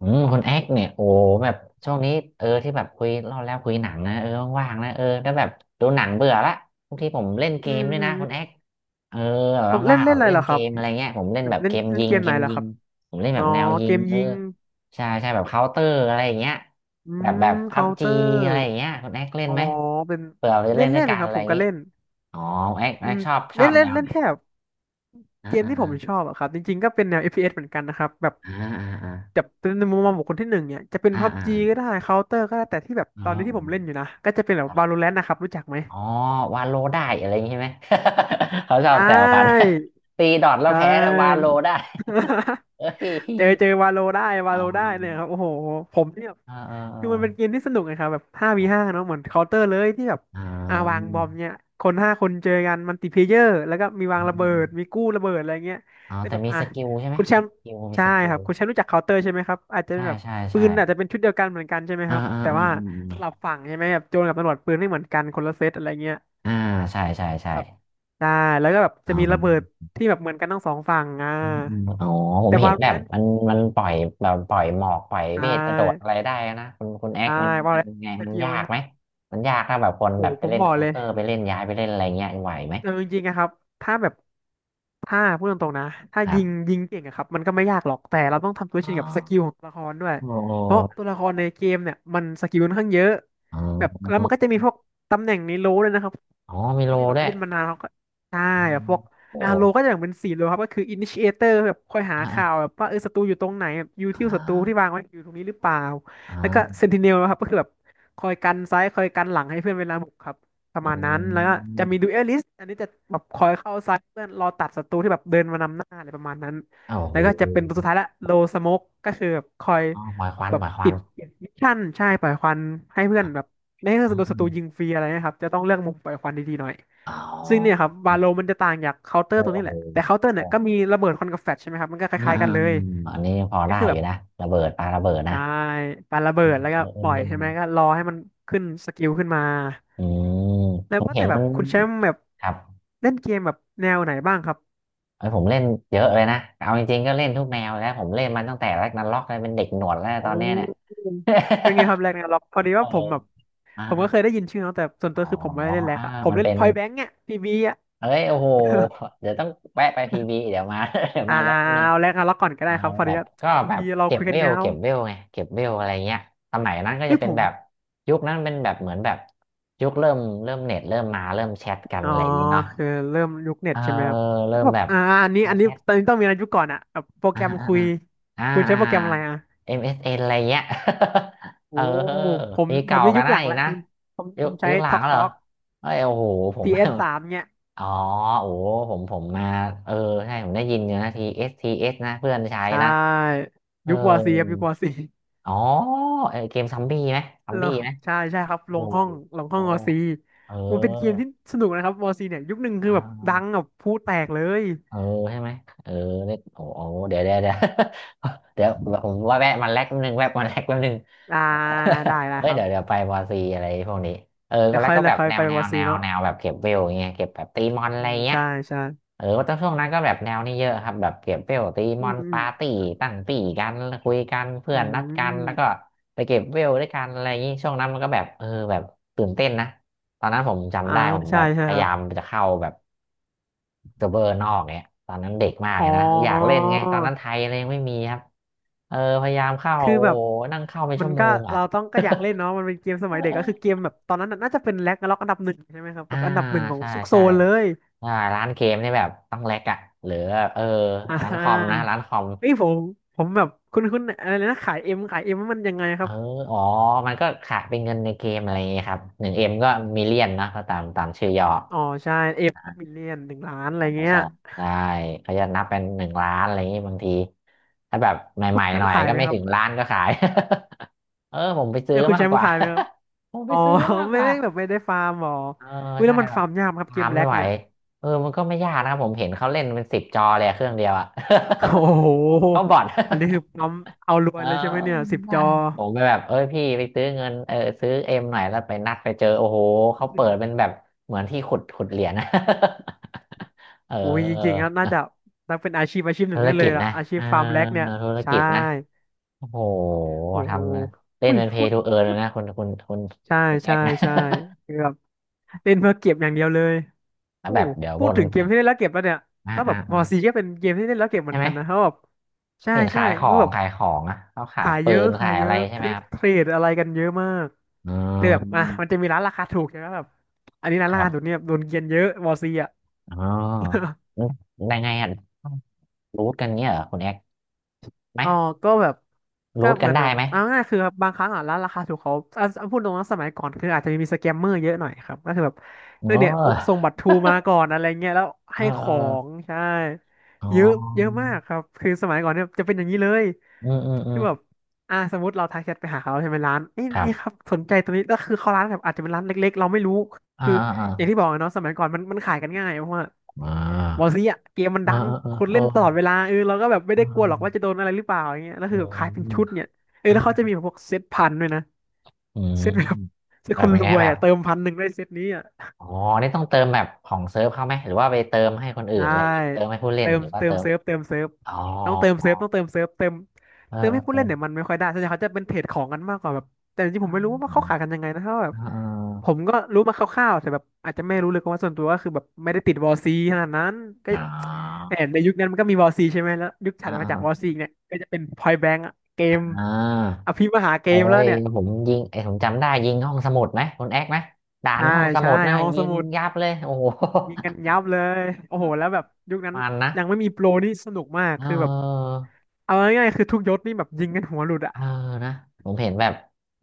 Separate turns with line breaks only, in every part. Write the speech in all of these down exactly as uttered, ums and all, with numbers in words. อืมคนแอคเนี่ยโอ้แบบช่วงนี้เออที่แบบคุยเล่าแล้วคุยหนังนะเออว่างๆนะเออแล้วแบบดูหนังเบื่อละบางทีผมเล่นเก
อื
ม
ม
ด้วย
อื
นะ
ม
ค
อื
นแอ
ม
คเออ
ผ
แบ
ม
บ
เล่
ว่า
น
งๆ
เล่
แบ
น
บ
อะไร
เล่
เห
น
รอ
เก
ครับ
มอะไรเงี้ยผมเล่น
แบ
แบ
บ
บ
เล่
เก
น
ม
เล่น
ยิง
เกม
เก
ไหน
ม
เหรอ
ยิ
ค
ง
รับ
ผมเล่นแบ
อ๋อ
บแนวยิ
เก
ง
ม
เออ
ยิง
ใช่ใช่แบบเคาน์เตอร์อะไรอย่างเงี้ย
อื
แบบ
ม
แบบพั
เคา
บ
น์เต
จี
อร์
อะไรอย่างเงี้ยคนแอคเล่น
อ๋อ
ไหม
เป็น
เผื่อเราจะ
เล่
เล่
น
นด้ว
เล่
ย
นไหม
กัน
ครั
อะ
บ
ไร
ผ
อ
ม
ย่าง
ก็
งี้
เล่น
อ๋อแอคแอ
อื
ค
ม
ชอบช
เล่
อ
น
บ
เล่
แน
น
ว
เล่
ไห
น
น
แค่แบบ
อ่า
เกม
อ่า
ที่
อ่
ผมชอบอะครับจริงๆก็เป็นแนวเอฟ p ีเอสเหมือนกันนะครับแบบ
า
แบ
อ่า
บเป็นในมุมมองของคนที่หนึ่งเนี่ยจะเป็น
อ่า
พั u
อ่า
จี
อ่า
ก็
อ่า
ได้เคาน์เตอร์ก็ได้แต่ที่แบบ
อ๋
ตอนนี้ที่ผมเล่นอยู่นะก็จะเป็นแบบ
อ
Valorant นะครับรู้จักไหม
อ๋อวาโลได้อะไรอย่างงี้ใช่ไหม เขาชอ
ใช่
บแซวกัน ตีดอทแล้ว
ใช่
แพ้แล้ววาโลได้ เอ้ย
เจอเจอวาโลได้วา
อ๋
โลได้เนี่ยค
อ
รับโอ้โหผมเนี่ย
เออเออเออ
คือมันเป็นเกมที่สนุกนะครับแบบห้าวีห้าเนาะเหมือนเคาน์เตอร์เลยที่แบบ
อ๋ออา
อ่าวางบอมเนี่ยคนห้าคนเจอกันมัลติเพลเยอร์แล้วก็มี
อ
วางระเบิด
ม
มีกู้ระเบิดอะไรเงี้ย
อ๋อ
แต่
แต่
แบบ
มี
อ่ะ
สกิลใช่ไหม
คุณแชมป์
สกิลมี
ใช่
สกิ
ครั
ล
บคุณแชมป์รู้จักเคาน์เตอร์ใช่ไหมครับอาจจะเป็
ใช่
นแบบ
ใช่
ปื
ใช่
นอาจจะเป็นชุดเดียวกันเหมือนกันใช่ไหม
อ่า
ครับ
อ่า
แต่
อ่า
ว่า
อม
ส
อ
ลั
ม
บฝั่งใช่ไหมแบบโจรกับตำรวจปืนไม่เหมือนกันคนละเซตอะไรเงี้ย
อ่าใช่ใช่ใช่
แบบใช่แล้วก็แบบ
อ๋
จะมีระเบิด
อ
ที่แบบเหมือนกันทั้งสองฝั่งอ่า
อืมอืมอ๋อผม
แต่
เห็นแบบ
Valorant
มันมันปล่อยแบบปล่อยหมอกปล่อย
ใช่
เวทกระโดดอะไรได้นะคุณคุณแอ
ใช
คมัน
ว่า
มัน
แล้ว
ยังไง
ส
มัน
กิล
ยา
ไหม
ก
ครั
ไหม
บ
มันยากถ้าแบบคน
โอ้
แบบ
โห
ไป
ผม
เล่น
บอก
เคา
เล
น์
ย
เตอร์ไปเล่นย้ายไปเล่นอะไรเงี้ยไหวไหม
เอาจริงๆนะครับ ถ้าแบบ ถ้าพูดตรงๆนะถ้า
ครั
ยิง
บ
ยิงเก่งอะครับมันก็ไม่ยากหรอก แต่เราต้องทำตัว
อ๋อ
ชินกับสกิลของตัวละครด้วย
โอ้โห
เพราะตัวละครในเกมเนี่ย มันสกิลค่อนข้างเยอะ
อ๋
แบบ
อ
แล้วมันก็จะมีพวกตำแหน่งในโลด้วยนะครับ
อ๋อมี
พว
โล
กที่แบบ
ด้วย
เล่นมานานเขาก็ใช่
อื
แบบ
ม
พวก
โอ้
อาโลก็จะอย่างเป็นสี่โลครับก็คือ Initiator แบบคอยหาข่าว
อ่า
แบบว่าเออศัตรูอยู่ตรงไหนแบบยูทิล
อ่า
ศัตรูที่วางไว้อยู่ตรงนี้หรือเปล่า
อ
แล้วก็
่า
Sentinel นะครับก็คือแบบคอยกันซ้ายคอยกันหลังให้เพื่อนเวลาบุกครับ
อืม
อันนี้จะแบบคอยเข้าซ้ายเพื่อนรอตัดศัตรูที่แบบเดินมานำหน้าอะไรประมาณนั้น
อ้าวโห
แล้วก็จะเป็นตัวสุดท้ายละโลสโมกก็คือแบบคอย
อ๋อปล่อยควัน
แบ
ป
บ
ล่อยควั
ปิ
น
ดปิดมิชชั่นใช่ปล่อยควันให้เพื่อ
อ๋
นแบ
อ
บไม่ให้โดนศัตรูยิงฟรีอะไรนะครับจะต้องเลือกมุมปล่อยควันดีๆหน่อย
อ๋
ซึ่งเนี่ย
อ
ครับวาโลมันจะต่างจากเคาน์เตอร์
เฮ้
ต
ย
รง
โอ้
นี้
โ
แหละแต่เคาน์เตอร์
ห
เนี่ยก็มีระเบิดควันกับแฟลชใช่ไหมครับมันก็ค
อ่า
ล้ายๆ
อ่า
กันเลย
อันนี้ยังพอ
ก็
ได้
คือ
อ
แบ
ยู่
บ
นะระเบิดปาระเบิดนะ
ใช่ปาระเบิดแล้วก็
เออเอ
ป
อ
ล่อย
เออ
ใช่ไหมก็รอให้มันขึ้นสกิลขึ้นมา
อืม
แล้
ผ
ว
ม
ก็
เห็
แต่
น
แบ
มั
บ
น
คุณแชมป์แบบ
ครับ
เล่นเกมแบบแนวไหนบ้างครับ
ไอ้ยผมเล่นเยอะเลยนะเอาจริงๆก็เล่นทุกแนวแล้วผมเล่นมันตั้งแต่แรกนันล็อกเลยเป็นเด็กหนวดแล้ว
อ
ตอนเนี้ยเนี่ย
ืเป็นไงครับแร็กนาร็อกพอดี
เอ
ว่า
อ
ผมแบบ
อ่า
ผม
อา
ก็เคยได้ยินชื่อเนาะแต่ส่วน
อ๋
ตั
อ
วคือผมไม่ได้เล่นแร็ก
อ่า
อะผม
มัน
เล่น
เป็น
พอยแบงค์อยพีบีอะ
เอ้ยโอ้โห เดี๋ยวต้องแวะไปพีบีเดี๋ยวมา เดี๋ยว
อ่า
มาแล้วแป๊บนึง
เอาแร็กนาร็อกก่อนก็ได้
เอา
ครับพอ
แบ
ดี
บ
ว่า
ก็
พี
แบบ
บีเรา
เก็บ
คุย
เว
กัน
ล
ยาว
เก็บเวลไงเก็บเวลอะไรเงี้ยสมัยนั้นก็
เอ้
จะ
ย
เป็
ผ
น
ม
แบบยุคนั้นเป็นแบบเหมือนแบบยุคเริ่มเริ่มเน็ตเริ่มมาเริ่มแชทกัน
อ๋อ
อะไรอย่างงี้เนาะ
คือเริ่มยุคเน็
เอ
ต
อ
ใช่ไหมค
เออ
รับ
เริ่
ก็
ม
แบบ
แบบ
อ่าอันนี้
ไล
อั
น์
น
แช
นี้
ท
ตอนนี้ต้องมีอะไรยุคก่อนอะแบบโปรแก
อ่า
รม
อ่า
คุย
อ่า
คุณใช้
อ่า
โปรแกรมอะไรอะ
เอ็ s เอสเอ็นอะไรเงี้ย
โอ้
เออ
ผม
นี่
ผ
เก่า
มใน
กั
ยุ
น
ค
ห
ห
นะ
ลัง
อีก
แล้ว
นะ
ผมผม
ยุ
ผ
ค
มใช้
ยุคหลั
ทอ
ง
กท
เหรอ
อก
เอ้ยโอ้โหผม
ทีเอสสามเนี่ย
อ๋อโอ้โหผมผมมาเออใช่ผมได้ยินอยู่นะทีเอสทีเอสนะเพื่อนใช้
ใช่
นะเออ
ยุควอซีครับยุควอซี
อ๋อเออเกมซอมบี้ไหมซอม
ล
บี้
ง
ไหม
ใช่ใช่ครับ
โอ้
ล
โห
งห้องลงห้อ
โอ้
งมอซี
เออ
มันเป็นเกมที่สนุกนะครับวอซีเนี่ยยุคหนึ่งคือ
อ่า
แบบดังแบบพูดแตกเลย
เออใช่ไหมเออเล็กโอ้โหเดี๋ยวเดี๋ยวเดี๋ยว เดี๋ยวผมว่าแวะมันแลกแป๊บนึงแวะมันแลกแป๊บนึง
อ่าได้ ได้
เฮ้ย
ครั
เดี๋ยวเดี๋ย
บ
วไปบอซีอะไรพวกนี้เออก็
เดี๋ยว
แล้
ค่
ว
อย
ก็
เดี๋
แบ
ยว
บ
ค่อย
แน
ไป
วแน
วอ
ว
ซี
แนว
เนาะ
แนวแบบเก็บเวลอย่างเงี้ยเก็บแบบตีมอนอะ
อื
ไร
ม
เงี้ย
ใช่ใช่
เออว่าตอนช่วงนั้นก็แบบแนวนี้เยอะครับแบบเก็บเวลตีม
อื
อน
ม
ปาร์ตี้ตั้งปี่กันคุยกันเพื่
อื
อน
ม
นัด
อื
กันแล้วก็
ม
ไปเก็บเวลด้วยกันอะไรอย่างงี้ช่วงนั้นมันก็แบบเออแบบตื่นเต้นนะตอนนั้นผม
อ่า
จำได้ผมแบ
ใช่
บ
ใช่
พ
ค
ยา
รั
ยา
บ
มจะเข้าแบบ เซิร์ฟเวอร์นอกเนี่ยตอนนั้นเด็กมาก
อ๋
เล
อ
ยนะอยากเล่นไงตอนนั้นไทยอะไรยังไม่มีครับเออพยายามเข้า
คือ
โอ้
แบ
โห
บ
นั่งเข้าเป็น
มั
ชั่
น
วโม
ก็
งอ่ะ
เราต้องก็อยากเล่นเนาะมันเป็นเกมสมัยเด็ กก็คือเก
เออ
มแบบตอนนั้นน่ะน่าจะเป็นแร็กนาร็อกอันดับหนึ่งใช่ไหมครับแบ
อ่า
บอันดับหนึ่งของ
ใช่
ซุกโซ
ใช่
นเลย
ใช่ร้านเกมนี่แบบต้องแลกอ่ะหรือเออ
อ่
ร้านคอมนะ
า
ร้านคอม
เฮ้ยผมผมแบบคุณคุณอะไรนะขายเอ็มขายเอ็มมันยังไงค
เอ
รั
อ
บ
อ๋อมันก็ขายเป็นเงินในเกมอะไรอย่างเงี้ยครับหนึ่งเอ็มก็มิเลียนนะก็ตามตามชื่อย่อ
อ๋อใช่เอฟมิลเลียนหนึ่งล้านอะไร
ใช่
เงี้ย
ใช่เขาจะนับเป็นหนึ่งล้านอะไรอย่างงี้บางทีถ้าแบบใหม่
แช
ๆห
ม
น่
ป์
อย
ขาย
ก็
ไหม
ไม่
ครั
ถึ
บ
งล้านก็ขาย เออผมไปซื้
เอ้
อ
ยคุณ
มา
แช
ก
ม
ก
ป์
ว่า
ขายไหมครับ
ผมไป
อ๋อ
ซื้อมาก ก
ไม่
ว่า
ได้แบบไม่ได้ฟาร์มหรอ
เออ
วิแล้
ใช่
วมัน
หรอ
ฟา
ก
ร์มยากไหมครับเก
ตา
ม
ม
แล็
ไม่
ก
ไหว
เนี่ย
เออมันก็ไม่ยากนะครับผมเห็นเขาเล่นเป็นสิบจอเลยอะเครื่องเดียวอะ
โอ้โห
เขาบอท
อันนี้คือปั๊มเอารว
เอ
ย
อ
เลยใช่ไหมเนี่ยสิบ
ได้
จอ
ผมไปแบบเอ้ยพี่ไปซื้อเงินเออซื้อเอ็มหน่อยแล้วไปนัดไปเจอโอ้โหเขาเปิดเป็นแบบเหมือนที่ขุดขุดเหรียญนะ เอ
โอ้ยจริงๆ
อ
แล้วน่าจะนับเป็นอาชีพอาชีพห
ธุ
นึ่ง
ร
ได้เล
กิ
ย
จ
ล่ะ
นะ
อาชี
เอ
พ
อ
ฟาร์มแล็กเนี่ย
ธุร
ใช่
กิจนะโอ้โห
โอ้โห
ทำนะเล่น
อุ้ย
เป็นเพ
พู
ย์
ด
ทูเอิร์ย
พูด
นะคุณคุณคุณ
ใช่
คุณแอ
ใช่
กนะ
ใช่คือแบบเล่นเพื่อเก็บอย่างเดียวเลย
แล้ว
โอ้
แบบเดี๋ยว
พู
บ
ด
น
ถึงเกม
เห็น
ที่เล่นแล้วเก็บแล้วเนี่ย
อ่า
ก็แบ
อ่า
บม
อ่า
อซีก็เป็นเกมที่เล่นแล้วเก็บเหมื
ใช่
อน
ไหม
กันนะครับแบบใช่
เห็น
ใช่
ขายขอ
คือ
ง
แบบ
ขายของอ่ะเขาขาย
ขาย
ปื
เยอะ
น
ขา
ขา
ย
ย
เย
อะไร
อะ
ใช่ไหม
คือ
ครับ
เทรดอะไรกันเยอะมาก
อื
แต่แบบอ่ะมัน
ม
จะมีร้านราคาถูกใช่ไหมแบบอันนี้ร้าน
ค
รา
รั
คาถูก
บ
เนี่ยโดนเกรียนเยอะมอซีอ่ะ
อ๋อ ยังไงอ่ะรูทกันเงี้ยเหรอคุณแอกไหม
อ๋อ ก็แบบก็
รูท
เห
กั
มื
น
อนแบ
ได้
บ
ไหม
เอาง่ายๆคือแบบบางครั้งอ่ะร้านราคาถูกเขาอ่ะอ่ะพูดตรงนะสมัยก่อนคืออาจจะมีสแกมเมอร์เยอะหน่อยครับก็คือแบบ
เ
เออเนี่ยโอ
ออ
ส่งบัตรทรูมาก่อนอะไรเงี้ยแล้ว
เอ
ให้
อ
ข
เอ
อ
อ
ง ใช่
อ๋อ
เยอะเยอะมากครับคือสมัยก่อนเนี่ยจะเป็นอย่างนี้เลย
อืมอืมอื
คื
ม
อแบบอ่าสมมติเราทักแชทไปหาเขาใช่ไหมร้านนี่
ครั
นี่ครั
บ
บสนใจตัวนี้แล้วคือเขาร้านแบบอาจจะเป็นร้านเล็กๆเราไม่รู้
อ่า
คือ
อ่าอ่า
อย่างที่บอกอะเนาะสมัยก่อนมันมันขายกันง่ายเพราะว่า
อ่
บาง
า
ทีอ่ะเกมมัน
เออ
ดัง
เออเออ
คน
เอ
เล่นตลอดเว
อ
ลาเออเราก็แบบไม่
อื
ได้กลัวหรอกว่าจะโดนอะไรหรือเปล่าอย่างเงี้ยแล้ว
ม
คือแบบขายเป็นชุดเนี่ยเออแล้วเขาจะ
อะ
มีแบบพวกเซตพันด้วยนะ
อืม
เซตแบบเซต
แบ
ค
บ
น
เป็น
ร
ไง
วย
แบบ
อ่ะเติมพันหนึ่งได้เซตนี้อ่ะ
อ๋อนี่ต้องเติมแบบของเซิร์ฟเขาไหมหรือว่าไปเติมให้คนอื่น
ได้
อะไรอย่างงี้เติมให้ผู้เล่น
เติม
หรือว่า
เติ
เติ
ม
ม
เซิร์ฟเติมเซิร์ฟ
อ๋อ
ต้องเติมเซิร์ฟต้องเติมเซิร์ฟเติม
เออ
เติมให้ผู้
เอ
เล่นเนี่ย
อ
มันไม่ค่อยได้ส่วนใหญ่เขาจะเป็นเทรดของกันมากกว่าแบบแต่จริง
เ
ๆผมไม่รู้ว่า
ออ
เขาขายกันยังไงนะเพราะว่าแบ
เอ
บผม
อ
ก็รู้มาคร่าวๆแต่แบบอาจจะไม่รู้เลยเพราะว่าส่วนตัวก็คือแบบไม่ได้ติดวอลซีขนาดนั้นก็
อ๋อ
แหมในยุคนั้นมันก็มีวอลซีใช่ไหมแล้วยุค
เอ๋
ถั
อ
ด
อ๋
มาจากวอล
อ
ซีเนี่ยก็จะเป็นพอยแบงก์เกมอ
อ
ภิมหาเก
เอ้
มแล้ว
ย
เนี่ย
ผมยิงไอ้ยผมจำได้ยิงห้องสมุดไหมคุณแอกไหมด่าน
ใช่
ห้องส
ใช่
มุดนะ
ห้อง
ยิ
ส
ง
มุด
ยับเลยโอ้โห
ยิงกันยับเลย โอ้โหแล้วแบบยุคนั้น
มันนะ
ยังไม่มีโปรนี่สนุกมาก
เอ
คือแบบ
อ
เอาง่ายๆคือทุกยศนี่แบบยิงกันหัวหลุดอ่ะ
เออนะผมเห็นแบบ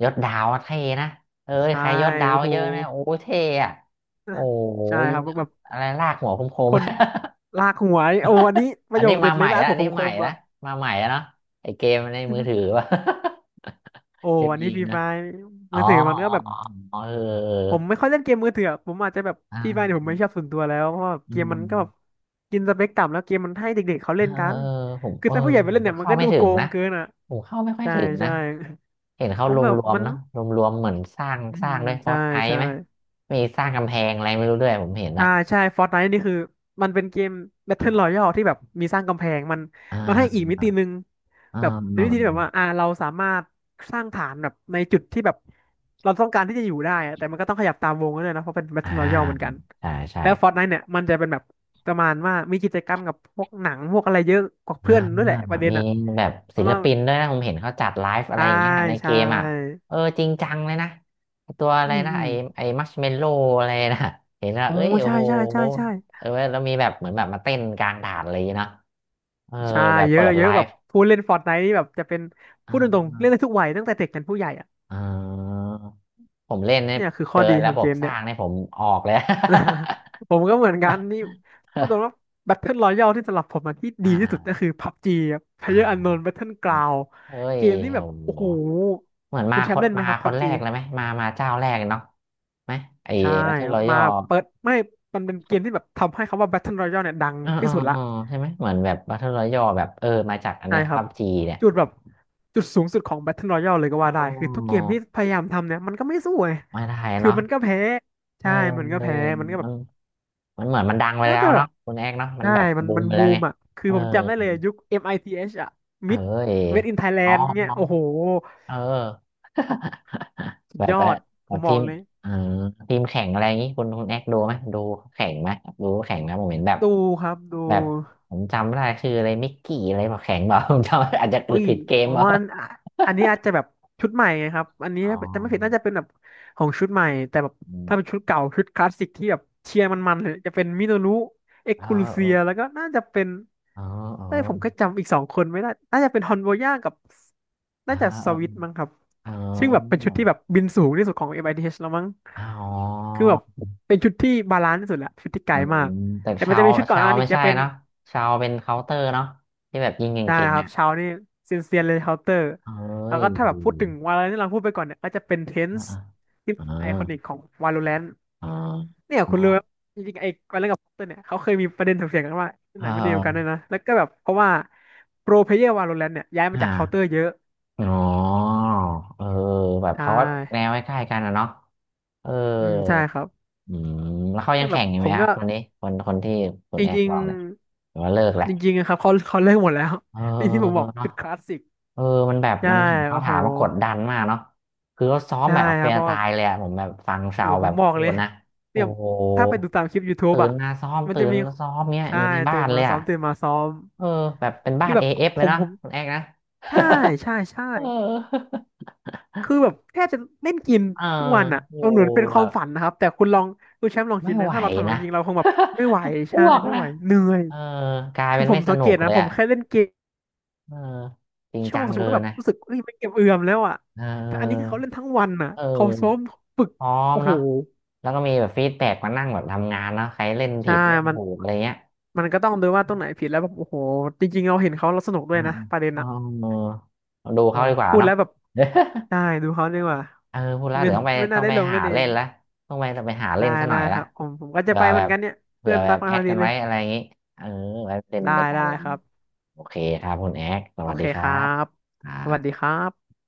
ยศดาวอะเท่นะเอ้ย
ใช่
ใครยศดาว
โอ้โห
เยอะนะโอ้เท่อะโอ้โห
ใช่
ยิ
ครั
ง
บแบบ
อะไรลากหัวค
ค
ม
น
ๆ
ลากหัวนี่โอ้อันนี้ป
อั
ระ
น
โย
นี้
คเด็
มา
ดเล
ใหม่
ยลาก
ละ
หั
อั
ว
นนี้
ค
ใหม่
มๆ
ละ
อ่ะ
มาใหม่ละเนาะไอเกมใน
อื้อ
มือ
หือ
ถือวะ
โอ้
เกม
อัน
ยิ
นี้
ง
ฟรี
นะ
ไฟ
อ๋อ
มือถือมันก็แบบ
อ๋ออ๋อเออเออ
ผมไม่ค่อยเล่นเกมมือถืออะผมอาจจะแบบ
อ่
ฟรีไฟเนี่ยผ
า
มไม่ชอบส่วนตัวแล้วเพราะว่า
อื
เกมมันก็แบบ
ม
กินสเปคต่ำแล้วเกมมันให้เด็กๆเขา
เออ
เล่นกั
เออ
น
ผม
คือ
เออ
ถ้าผู้ใหญ่ไป
ผ
เล่
ม
น
ก็
เนี่ยมัน
เข้า
ก็
ไม่
ดู
ถึ
โก
ง
ง
นะ
เกินอ่ะ
ผมเข้าไม่ค่อย
ใช่
ถึงนะ
ใช่
เห็นเขา
ผ
ร
มแบบ
วม
มั
ๆ
น
เนาะรวมๆเหมือนสร้าง
อื
ส
ม
ร้างด้วยฟอ
ใช่
สไอ
ใช่
ไหมมีสร้างกำแพงอะไรไม่รู้ด้วยผมเห็น
ใช่
นะ
ใช่ฟอร์ตไนท์นี่คือมันเป็นเกม Battle
อ่า
Royale ที่แบบมีสร้างกำแพงมัน
อ่
มันให้อีก
า
มิตินึง
อ่า
แบบเป็น
อ่า
วิธีที่แบบว่าอ่าเราสามารถสร้างฐานแบบในจุดที่แบบเราต้องการที่จะอยู่ได้อะแต่มันก็ต้องขยับตามวงด้วยนะเพราะเป็น
อ่า
Battle Royale เหมือนกัน
ใช่ใช่
แล้ว Fortnite เนี่ยมันจะเป็นแบบประมาณว่ามีกิจกรรมกับพวกหนังพวกอะไรเยอะกว่า
อ่า
เพื่อนด้วยแหละประเด็น
มี
อ่ะ
แบบ
เพ
ศิ
ราะ
ล
ว่า
ปินด้วยนะผมเห็นเขาจัดไลฟ์อะไร
ใช่
อย่างเงี้ยใน
ใช
เกมอ่ะ
่
เออจริงจังเลยนะตัวอะ
อื
ไร
ม
นะ
อื
ไอ
ม
ไอมัชเมลโล่อะไรนะเห็นแล้ว
โอ้
เอ้ยโอ้
ใช่
โห
ใช่ใช่ใช่
เออแล้วมีแบบเหมือนแบบมาเต้นกลางด่านอะไรอย่างเลยเนาะเออ
ใช่
แบบ
เย
เปิ
อะ
ด
เย
ไล
อะแบบ
ฟ์
ผู้เล่น Fortnite นี่แบบจะเป็น
อ่
พูดตรง
า
ๆเล่นได้ทุกวัยตั้งแต่เด็กยันผู้ใหญ่อ่ะ
อ่าผมเล่นเนี่ย
เนี่ยคือ
เจ
ข้อ
อ
ดีข
ระ
อง
บ
เก
บ
ม
ส
เนี่
ร้า
ย
งเนี่ยผมออกเลย
ผมก็เหมือนกันนี่พูดตรงว่า Battle Royale ที่สำหรับผมอะที่
อ่
ดีที่สุดก็
า
คือ พับจี อะ
อ้าว
PlayerUnknown Battleground
เอ้ย
เกมที่แบ
โอ้
บโอ้
โห
โห
เหมือนมา
คุณแช
ค
มป์
น
เล่นไหม
มา
ครับ
คนแร
พับจี
กเลยไหมมามาเจ้าแรกเนาะ ไหมไอ้
ใช่
บัตเทิ
ครั
อ
บมา
ยัล
เปิดไม่มันเป็นเกมที่แบบทำให้คำว่า Battle Royale เนี่ยดัง
อ๋อ
ที่
อ๋อ
สุดละ
อ๋อใช่ไหมเหมือนแบบบัตเทิอยัลแบบเออมาจากอัน
ใช่
เนี้ย
ครั
พั
บ
บจีเนี่ย
จุดแบบจุดสูงสุดของ Battle Royale เลยก็
อ๋
ว่าได้คือทุกเก
อ
มที่พยายามทำเนี่ยมันก็ไม่สู้ไง
มาไทย
คือ
เนาะ
มันก็แพ้
เอ
ใช่มันก็
อ
แพ้มันก็
เอ
แบ
อ
บ
มันมันเหมือนมันดังไป
แล้ว
แล้ว
แต่แบบ
เนาะคุณแอกเนาะมัน
ใช่
แบบ
มัน
บู
มั
ม
น
ไปแล้
บู
วไง
มอ่ะคือ
เออ
ผมจำได้เลยยุค มิธ อมไอทีเอชอ่ะ
เออ
Mid
เอ
Made in
อ๋อ
Thailand เนี่ย
อ๋อ
โอ้โห
เออ
สุด
แบบ
ยอ
ว่า
ด
แบ
ผ
บ
มบ
ที
อก
ม
เลย
เออทีมแข่งอะไรอย่างงี้คุณคุณแอกดูไหมดูแข่งไหมดูแข่งนะผมเห็นแบบ
ดูครับดู
แบบผมจำไม่ได้ชื่ออะไรมิกกี้อะไรบอกแข่งบอก ผมจำอาจจะ
อุ้ย
ผิดเกม
อ๋อ
เปล่า
อันอ่ะอันนี้อาจจะแบบชุดใหม่ไงครับอันนี้
อ๋
จะไม่ผิดน่า
อ
จะเป็นแบบของชุดใหม่แต่แบบ
อื
ถ้าเป็น
ม
ชุดเก่าชุดคลาสสิกที่แบบเชียร์มันๆเลยจะเป็นมิโนรุเอ็ก
เออ
คูลู
เอ
เซี
อ
ยแล้วก็น่าจะเป็น
เออเออ
เอ้ยผมก็จำอีกสองคนไม่ได้น่าจะเป็นฮอนโบย่ากับ
อ่า
น่าจะส
เออ
วิตมั้งครับ
เออ
ซึ่งแบบเป็นชุดที่แบบบินสูงที่สุดของเอ็มไอที i t ชแล้วมั้ง
อ๋อ
คือแบบเป็นชุดที่บาลานซ์ที่สุดแหละชุดที่ไกล
อื
มา
ม
ก
แต่
แต่มั
ชา
นจะ
ว
มีชุดก่อน
ชา
อัน
ว
นั้น
ไม่
อีกจะ
ใช่
เป็น
เนาะชาวเป็นเคาน์เตอร์เนาะที่แบบยิงเก
ได้
่ง
ค
ๆ
รับ
อ่ะ
เช้านี่เซียนเซียนเลยเคาน์เตอร์
เอ้
แล้ว
ย
ก็ถ้าแบบพูดถึงวาโลแรนที่เราพูดไปก่อนเนี่ยก็จะเป็นเทน
อ่า
ส์
อ่า
ที่
อ่
ไอคอนิก
า
ของวาโลแรน
เอ่า
เนี่ยคุณรู้ไหมจริงๆไอ้วาโลแรนกับเคาน์เตอร์เนี่ยเขาเคยมีประเด็นถกเถียงกันว่าที่ไหนมันเดียวกัน
อ
ด้วยนะแล้วก็แบบเพราะว่าโปรเพลเยอร์วาโลแรนเนี่ยย้ายมาจาก
่า
เคาน์เตอร์เยอะ
อ๋อเออแบบ
ใช
เขาก็แนว
่
ใกล้ๆกันอะเนาะเออ
อืมใช่ครับ
อืมแล้วเขา
แต่
ยัง
แบ
แข่
บ
งอยู่
ผ
ไหม
ม
ครั
ก็
บคนนี้คนคนที่คุ
จ
ณแอก
ริ
บ
ง
อกเนี่ยหรือว่าเลิกแหละ
ๆจริงๆนะครับเขาเขาเลิกหมดแล้ว
เออ
นี่ที่ผมบอก
เนาะ
จุดคลาสสิก
เออมันแบบ
ใช่
มันเห็นเขา
โอ้โห
ถามมากดดันมากเนาะคือเขาซ้อม
ใช่
แบบเอา
ครั
เป็
บ
น
เพ
เอา
ราะว่า
ตายเลยอะผมแบบฟัง
โอ้
ชาว
ผ
แบ
ม
บ
บอก
พู
เลย
ดนะโอ้
เนี่ย
โห
ถ้าไปดูตามคลิป YouTube
ตื่น
อ่ะ
มาซ้อม
มัน
ตื่
จะ
น
มี
มาซ้อมเนี้ย
ใช่
อยู่ในบ้า
ตื่
น
น
เล
มา
ย
ซ้อ
อะ
มตื่นมาซ้อม
เออแบบเป็นบ้า
ที่
น
แบบ
เอฟ
ผ
เลย
ม
เนาะ
ผม
คุณแอกนะ
ใช่ใช่ใช่
เออ
คือแบบแค่จะเล่นกิน
เออ
ทุกวันอ่ะ
อยู่
มันเหมือนเป็นค
แบ
วาม
บ
ฝันนะครับแต่คุณลองคุณแชมป์ลอง
ไม่
คิดนะ
ไหว
ถ้าเราทำอย่าง
นะ
นั้นจริงเราคงแบบไม่ไหว
อ้
ใช่
วก
ไม่
นะ
ไหวเหนื่อย
เออกลาย
คื
เป็
อ
น
ผ
ไม่
ม
ส
สังเก
นุก
ต
เล
นะ
ย
ผม
อะ
แค่เล่นเกม
เออจริง
ชั่ว
จั
โมง
ง
สองชั่ว
เกิ
โมง
น
ก็แบบ
นะ
รู้สึกเอ้ยไม่เก็บเอือมแล้วอ่ะ
เ
แต่อันนี้คือ
ออ
เขาเล่นทั้งวันอ่ะ
เออ
เขาซ้อมฝึก
พร้อม
โอ้โห
เนาะแล้วก็มีแบบฟีดแบ็กมานั่งแบบทำงานเนาะใครเล่น
ใช่
ผิดเล่น
มัน
ถูกอะไรเงี้ย
มันก็ต้องดูว่าตรงไหนผิดแล้วแบบโอ้โหจริงๆเราเห็นเขาเราสนุกด้ว
อ่า
ยนะประเด็น
อ๋อ
อะ
เอดู
โอ้
เขาดีกว่า
พูด
เนาะ
แล้วแบบ ได้ดูเขาดีกว่า
เออพูดแล้ว
ไม่
เดี๋ยวต้องไป
ไม่น่า
ต้อง
ได้
ไป
ลงเล่
หา
นเอ
เล่
ง
นละต้องไปต้องไปหา
ได้
เล่นซะหน่
ได้
อย
ค
ละ
รับผมผมก็จะ
เผื่อ
ไปเห
แบ
มือน
บ
กันเนี่ย
เผื่
เพื่
อ
อน
แบ
รั
บ
กมา
แอ
พ
ด
อดี
กัน
เล
ไว้
ย
อะไรอย่างงี้ เออไว้เล่น
ได้
ด้วยกัน
ได้
อะไรอย่า
ค
ง
รั
งี้
บ
โอเคครับคุณแอดส
โอ
วัส
เค
ดีค
ค
รั
รั
บ
บ
ครั
สวัสดีค
บ
รับ